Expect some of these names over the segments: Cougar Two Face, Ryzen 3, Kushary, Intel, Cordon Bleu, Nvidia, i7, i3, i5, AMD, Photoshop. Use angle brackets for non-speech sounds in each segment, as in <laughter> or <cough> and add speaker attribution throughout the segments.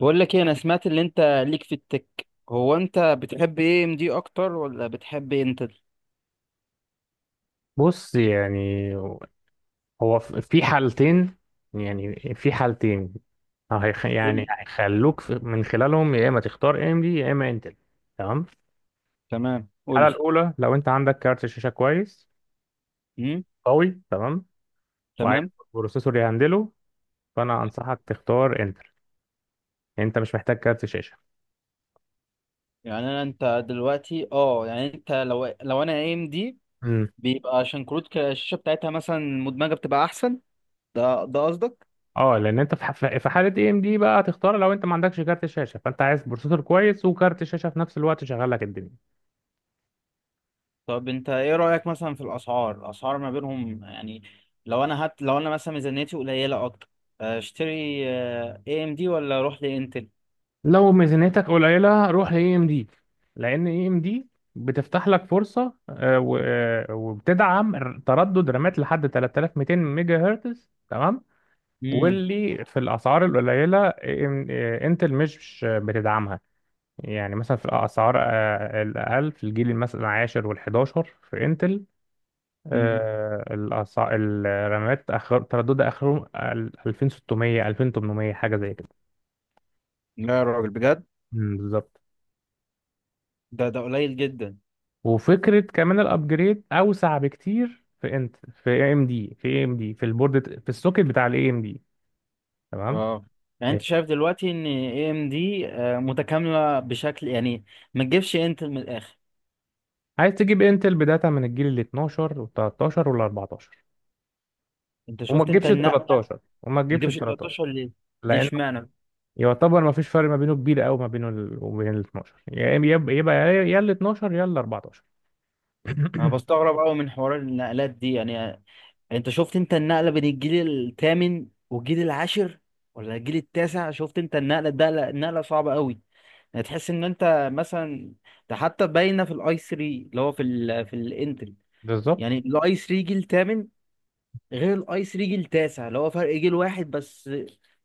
Speaker 1: بقول لك ايه، انا سمعت اللي انت ليك في التك. هو انت بتحب ايه، ام دي اكتر ولا بتحب انتل؟
Speaker 2: بص، يعني هو في حالتين، يعني في حالتين،
Speaker 1: قول
Speaker 2: يعني
Speaker 1: لي.
Speaker 2: هيخلوك من خلالهم يا اما تختار ام دي يا اما انتل. تمام.
Speaker 1: تمام، قول
Speaker 2: الحاله
Speaker 1: لي.
Speaker 2: الاولى، لو انت عندك كارت شاشه كويس
Speaker 1: امم.
Speaker 2: قوي تمام وعايز
Speaker 1: تمام.
Speaker 2: بروسيسور يهندله، فانا انصحك تختار انتل، انت مش محتاج كارت شاشه.
Speaker 1: يعني انا انت دلوقتي، يعني انت لو انا ام دي،
Speaker 2: امم،
Speaker 1: بيبقى عشان كروت الشاشه بتاعتها مثلا مدمجه بتبقى احسن. ده قصدك؟
Speaker 2: اه، لان انت في حاله اي ام دي بقى هتختار، لو انت ما عندكش كارت شاشه فانت عايز بروسيسور كويس وكارت شاشه في نفس الوقت شغال لك الدنيا.
Speaker 1: طب انت ايه رايك مثلا في الاسعار ما بينهم يعني؟ لو انا مثلا ميزانيتي قليله اكتر، اشتري اي ام دي ولا اروح لانتل؟
Speaker 2: لو ميزانيتك قليلة روح ل AMD، لأن AMD بتفتح لك فرصة وبتدعم تردد رامات لحد 3200 ميجا هرتز. تمام.
Speaker 1: امم.
Speaker 2: واللي في الأسعار القليلة انتل مش بتدعمها، يعني مثلا في الأسعار الأقل في الجيل مثلا العاشر والحداشر في انتل،
Speaker 1: امم.
Speaker 2: آه، الرامات آخر ترددها آخرهم 2600 2800، حاجة زي كده.
Speaker 1: لا يا راجل، بجد؟
Speaker 2: مم، بالظبط.
Speaker 1: ده قليل جدا.
Speaker 2: وفكره كمان، الابجريد اوسع بكتير في انت، في اي ام دي، في البورد في السوكت بتاع الاي ام دي. تمام.
Speaker 1: اه، يعني انت
Speaker 2: آه،
Speaker 1: شايف دلوقتي ان اي ام دي متكامله بشكل يعني؟ ما تجيبش انت من الاخر؟
Speaker 2: عايز تجيب انتل بداتا من الجيل ال 12 وال 13 وال 14،
Speaker 1: انت
Speaker 2: وما
Speaker 1: شفت انت
Speaker 2: تجيبش ال
Speaker 1: النقله.
Speaker 2: 13 وما
Speaker 1: ما
Speaker 2: تجيبش ال
Speaker 1: تجيبش
Speaker 2: 13،
Speaker 1: 13 ليه؟ ليه
Speaker 2: لان
Speaker 1: اشمعنى؟
Speaker 2: يعتبر ما فيش فرق ما بينه كبير قوي، ما بينه وبين ال 12، يبقى يا ال 12 يا ال 14.
Speaker 1: انا
Speaker 2: <coughs>
Speaker 1: بستغرب قوي من حوار النقلات دي يعني. انت شفت انت النقله بين الجيل الثامن والجيل العاشر ولا الجيل التاسع؟ شفت انت النقله؟ ده لا، النقله صعبه قوي. يعني تحس ان انت مثلا، ده حتى باينه في الاي 3، اللي هو في الانتري.
Speaker 2: بالظبط،
Speaker 1: يعني الاي 3 جيل ثامن، غير الاي 3 جيل تاسع، اللي هو فرق جيل واحد بس،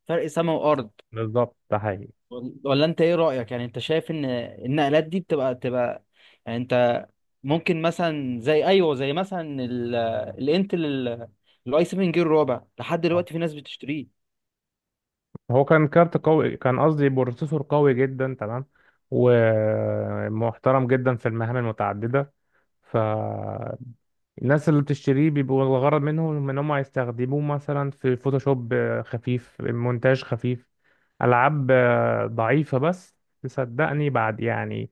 Speaker 1: فرق سما وارض.
Speaker 2: بالظبط، ده حقيقي.
Speaker 1: ولا انت ايه رأيك؟ يعني انت شايف ان النقلات دي بتبقى يعني. انت ممكن مثلا، زي ايوه، زي مثلا الانتل، الاي 7 جيل رابع لحد دلوقتي في ناس بتشتريه.
Speaker 2: هو كان كارت قوي، كان قصدي بروسيسور قوي جدا تمام، ومحترم جدا في المهام المتعددة، ف الناس اللي بتشتريه بيبقوا الغرض منهم ان هم يستخدموه مثلا في فوتوشوب خفيف، مونتاج خفيف، العاب ضعيفة بس. تصدقني، بعد يعني،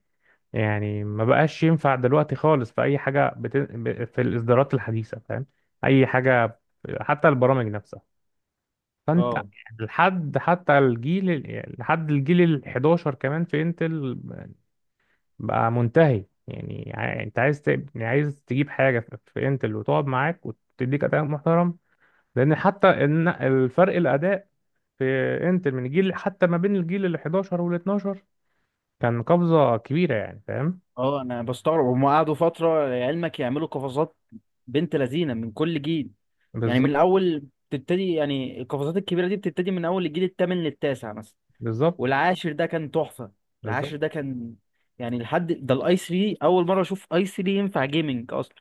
Speaker 2: يعني ما بقاش ينفع دلوقتي خالص في اي حاجة في الاصدارات الحديثة، فاهم، اي حاجة حتى البرامج نفسها. فانت
Speaker 1: اه.
Speaker 2: لحد الجيل ال 11 كمان في انتل بقى منتهي، يعني انت عايز يعني عايز تجيب حاجه في في انتل وتقعد معاك وتديك اداء محترم، لان حتى الفرق الاداء في انتل من جيل، حتى ما بين الجيل ال 11 وال 12 كان قفزه كبيره، يعني فاهم.
Speaker 1: اه، انا بستغرب، هم قعدوا فترة لعلمك يعملوا قفزات بنت لذينة من كل جيل. يعني من
Speaker 2: بالظبط،
Speaker 1: الاول بتبتدي، يعني القفزات الكبيرة دي بتبتدي من اول الجيل الثامن للتاسع مثلا.
Speaker 2: بالظبط،
Speaker 1: والعاشر ده كان تحفه. العاشر
Speaker 2: بالظبط،
Speaker 1: ده كان، يعني لحد ده الاي 3 اول مره اشوف اي 3 ينفع جيمنج اصلا.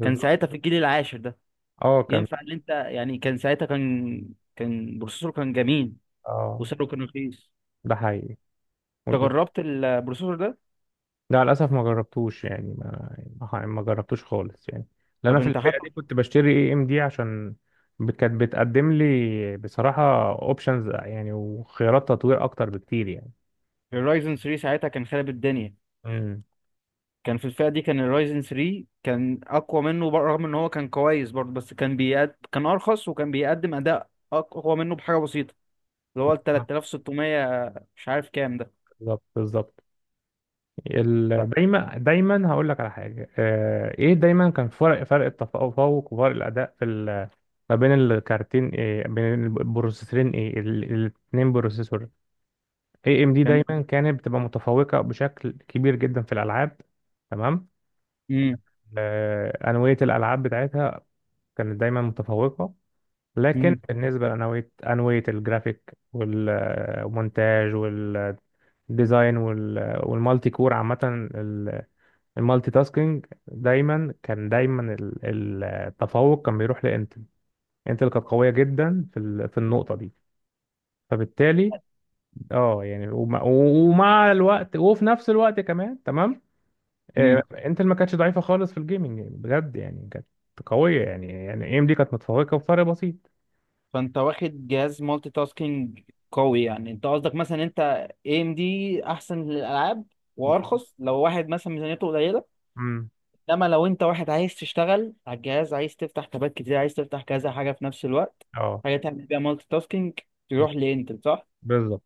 Speaker 1: كان ساعتها في الجيل العاشر ده
Speaker 2: اه كان،
Speaker 1: ينفع ان انت، يعني كان ساعتها كان بروسيسور، كان جميل.
Speaker 2: اه،
Speaker 1: وسعره كان رخيص.
Speaker 2: ده حقيقي.
Speaker 1: انت جربت البروسيسور ده؟
Speaker 2: لا للاسف ما جربتوش، يعني ما جربتوش خالص يعني، لأن انا
Speaker 1: طب
Speaker 2: في
Speaker 1: انت
Speaker 2: الفئه
Speaker 1: حتى
Speaker 2: دي كنت بشتري اي ام دي عشان كانت بتقدم لي بصراحه اوبشنز، يعني وخيارات تطوير اكتر بكتير يعني.
Speaker 1: الرايزن 3 ساعتها كان خارب الدنيا.
Speaker 2: امم.
Speaker 1: كان في الفئه دي كان الرايزن 3 كان اقوى منه رغم ان هو كان كويس برضه، بس كان ارخص وكان بيقدم اداء اقوى منه بحاجه بسيطه. اللي هو ال 3600، مش عارف كام ده.
Speaker 2: بالظبط. بالظبط.
Speaker 1: ف-
Speaker 2: دايما دايما هقول لك على حاجه، ايه، دايما كان فرق، التفوق وفرق الاداء ما بين الكارتين، إيه، بين البروسيسورين، ايه، الاتنين بروسيسور. اي ام دي
Speaker 1: كان
Speaker 2: دايما كانت بتبقى متفوقه بشكل كبير جدا في الالعاب، تمام.
Speaker 1: امم،
Speaker 2: انويه الالعاب بتاعتها كانت دايما متفوقه، لكن
Speaker 1: امم،
Speaker 2: بالنسبه لانويه، الجرافيك والمونتاج والديزاين والمالتي كور عامه، ال- المالتي تاسكينج دايما كان، التفوق كان بيروح لانتل. انتل كانت قويه جدا في النقطه دي، فبالتالي اه يعني، ومع الوقت، وفي نفس الوقت كمان، تمام.
Speaker 1: امم.
Speaker 2: انتل ما كانتش ضعيفه خالص في الجيمنج يعني، بجد يعني كانت قويه يعني، اي ام دي كانت متفوقه بفرق بسيط.
Speaker 1: فانت واخد جهاز مالتي تاسكينج قوي، يعني انت قصدك مثلا، انت اي ام دي احسن للالعاب
Speaker 2: بالظبط.
Speaker 1: وارخص لو واحد مثلا ميزانيته قليله.
Speaker 2: امم.
Speaker 1: انما لو انت واحد عايز تشتغل على الجهاز، عايز تفتح تابات كتير، عايز تفتح كذا حاجه في نفس الوقت،
Speaker 2: اه،
Speaker 1: حاجه تعمل بيها مالتي تاسكينج، تروح لانتل، صح؟
Speaker 2: بالظبط.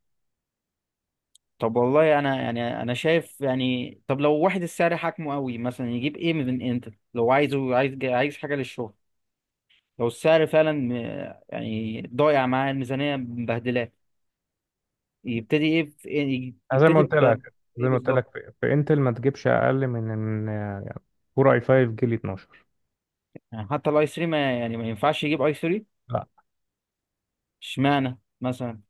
Speaker 1: طب والله انا يعني، انا شايف يعني، طب لو واحد السعر حاكمه قوي، مثلا يجيب ايه من انتل لو عايزه، عايز حاجه للشغل؟ لو السعر فعلا يعني ضايع معاه الميزانية، مبهدلاه، يبتدي ايه في؟ يبتدي ب
Speaker 2: زي
Speaker 1: ايه
Speaker 2: ما قلت
Speaker 1: بالظبط؟
Speaker 2: لك، في انتل ما تجيبش اقل من ان كور اي 5 جيل 12،
Speaker 1: يعني حتى الاي 3، ما يعني ما ينفعش يجيب اي 3 اشمعنى مثلا؟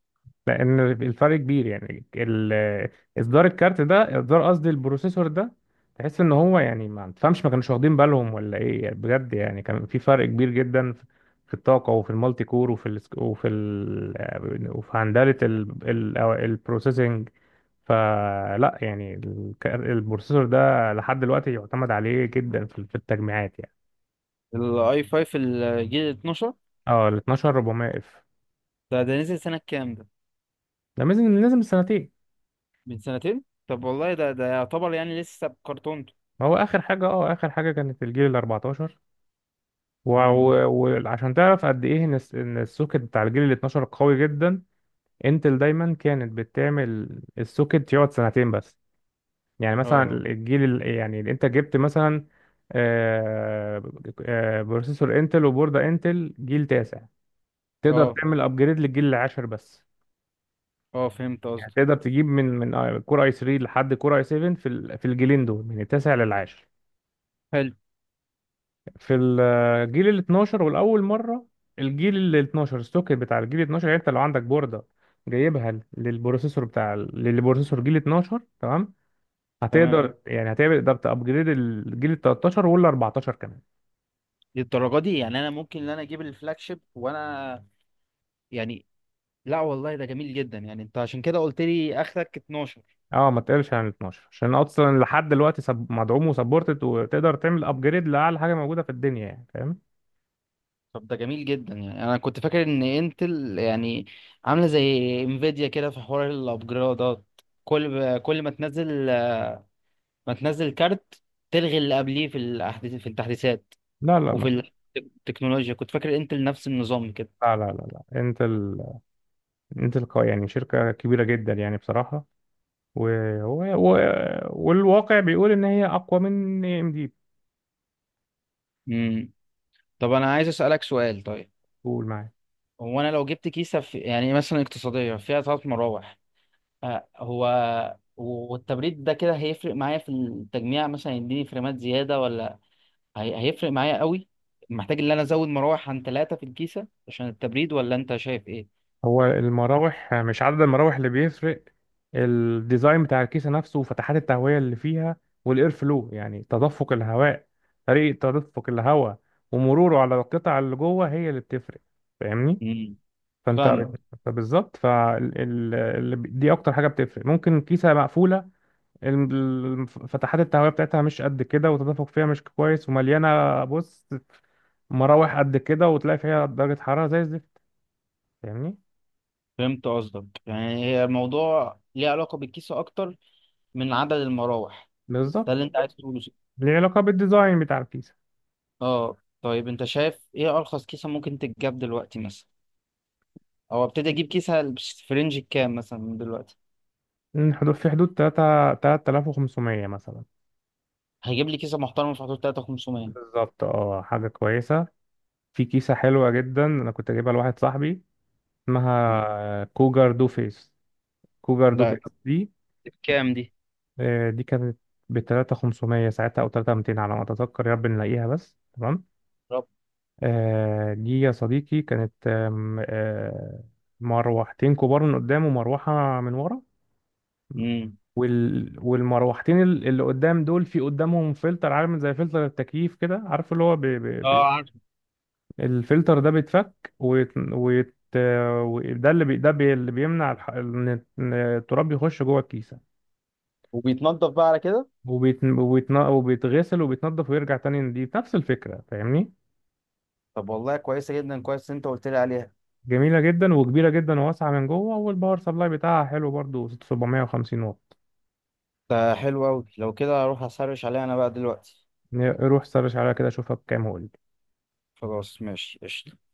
Speaker 2: لان الفرق كبير، يعني اصدار الكارت ده، اصدار قصدي البروسيسور ده، تحس ان هو، يعني ما تفهمش، ما كانوش واخدين بالهم ولا ايه، يعني بجد يعني كان في فرق كبير جدا في في الطاقه وفي المالتي كور وفي ال، وفي هندله أو البروسيسنج. فلا يعني، البروسيسور ده لحد دلوقتي يعتمد عليه جدا في في التجميعات يعني.
Speaker 1: الاي 5 الجيل 12،
Speaker 2: اه، ال 12400 اف،
Speaker 1: ده نزل سنة كام ده؟
Speaker 2: ده لازم سنتين.
Speaker 1: من سنتين؟ طب والله ده يعتبر يعني لسه بكرتونته.
Speaker 2: ما هو اخر حاجه، اه، اخر حاجه كانت الجيل ال 14،
Speaker 1: مم.
Speaker 2: وعشان تعرف قد ايه ان إن السوكت بتاع الجيل ال 12 قوي جدا، انتل دايما كانت بتعمل السوكت يقعد سنتين بس، يعني مثلا
Speaker 1: اه.
Speaker 2: يعني اللي انت جبت مثلا، آه، بروسيسور انتل وبوردة انتل جيل تاسع، تقدر
Speaker 1: اه،
Speaker 2: تعمل ابجريد للجيل العاشر بس،
Speaker 1: اه، فهمت
Speaker 2: يعني
Speaker 1: قصدي.
Speaker 2: تقدر تجيب من كور اي 3 لحد كور اي 7 في الجيلين دول من التاسع للعاشر.
Speaker 1: حلو.
Speaker 2: في الجيل ال 12 والاول مره، الجيل ال 12، السوكت بتاع الجيل ال 12، يعني انت لو عندك بورده جايبها للبروسيسور للبروسيسور جيل 12، تمام،
Speaker 1: تمام.
Speaker 2: هتقدر تمام، يعني هتقدر تابجريد الجيل ال 13 وال 14 كمان.
Speaker 1: للدرجة دي؟ يعني انا ممكن ان انا اجيب الفلاج شيب وانا يعني. لا والله ده جميل جدا، يعني انت عشان كده قلت لي اخرك 12.
Speaker 2: اه، ما تقلش عن ال 12، عشان اصلا لحد دلوقتي مدعوم وسبورتد، وتقدر تعمل ابجريد لاعلى حاجه موجوده في الدنيا، يعني فاهم.
Speaker 1: طب ده جميل جدا، يعني انا كنت فاكر ان انتل يعني عامله زي انفيديا كده في حوار الابجرادات. كل ما تنزل كارت تلغي اللي قبليه في الاحداث، في التحديثات
Speaker 2: لا لا ما
Speaker 1: وفي التكنولوجيا. كنت فاكر انتل نفس النظام كده.
Speaker 2: لا، لا، لا، لا. انت يعني شركه كبيره جدا يعني بصراحه، و... و... و... والواقع بيقول ان هي اقوى من اي ام دي.
Speaker 1: امم. طب انا عايز اسالك سؤال، طيب
Speaker 2: بتقول معايا.
Speaker 1: هو انا لو جبت كيسه، في يعني مثلا اقتصاديه فيها 3 مراوح، هو والتبريد ده كده هيفرق معايا في التجميع مثلا، يديني فريمات زيادة ولا؟ هيفرق معايا قوي؟ محتاج ان انا ازود مراوح عن 3 في الكيسة عشان التبريد، ولا انت شايف ايه؟
Speaker 2: هو المراوح، مش عدد المراوح اللي بيفرق، الديزاين بتاع الكيسه نفسه وفتحات التهويه اللي فيها، والاير فلو، يعني تدفق الهواء، طريقه تدفق الهواء ومروره على القطع اللي جوه، هي اللي بتفرق، فاهمني.
Speaker 1: امم.
Speaker 2: فانت
Speaker 1: فاهمك.
Speaker 2: اه، فبالظبط، دي اكتر حاجه بتفرق. ممكن كيسه مقفوله فتحات التهويه بتاعتها مش قد كده وتدفق فيها مش كويس، ومليانه، بص، مراوح قد كده، وتلاقي فيها درجة حرارة زي الزفت، فاهمني.
Speaker 1: فهمت قصدك، يعني هي الموضوع ليه علاقة بالكيسة اكتر من عدد المراوح. ده
Speaker 2: بالظبط،
Speaker 1: اللي انت عايز تقوله.
Speaker 2: ليه علاقة بالديزاين بتاع الكيسة.
Speaker 1: اه، طيب انت شايف ايه ارخص كيسة ممكن تتجاب دلوقتي مثلا، او ابتدي اجيب كيسة في رينج كام مثلا من دلوقتي؟
Speaker 2: إن حدود في حدود تلاتة، 3500 مثلا.
Speaker 1: هيجيب لي كيسة محترمة في حدود 3500؟
Speaker 2: بالظبط، اه حاجة كويسة، في كيسة حلوة جدا أنا كنت جايبها لواحد صاحبي، اسمها كوجر دو فيس، كوجر دو فيس
Speaker 1: ده
Speaker 2: دي.
Speaker 1: بكام دي؟
Speaker 2: دي كانت ب 3500 ساعتها، أو 3200 على ما أتذكر، يا رب نلاقيها بس، تمام.
Speaker 1: رب.
Speaker 2: دي يا صديقي كانت آم، آه، مروحتين كبار من قدام ومروحة من ورا،
Speaker 1: امم.
Speaker 2: والمروحتين اللي قدام دول، في قدامهم فلتر عامل زي فلتر التكييف كده، عارف اللي هو
Speaker 1: اه، عارف.
Speaker 2: الفلتر ده بيتفك وده اللي بي... ده بي... اللي بيمنع إن التراب يخش جوه الكيسة،
Speaker 1: وبيتنضف بقى على كده؟
Speaker 2: وبيتغسل وبيتنضف ويرجع تاني نضيف، نفس الفكرة، فاهمني.
Speaker 1: طب والله كويسه جدا، كويس إن انت قلت لي عليها.
Speaker 2: جميلة جدا وكبيرة جدا وواسعة من جوه، والباور سبلاي بتاعها حلو برضو 750 واط.
Speaker 1: ده حلو قوي، لو كده هروح اسرش عليها انا بقى دلوقتي.
Speaker 2: روح سرش عليها كده، شوفها بكام هو.
Speaker 1: خلاص، ماشي، قشطة.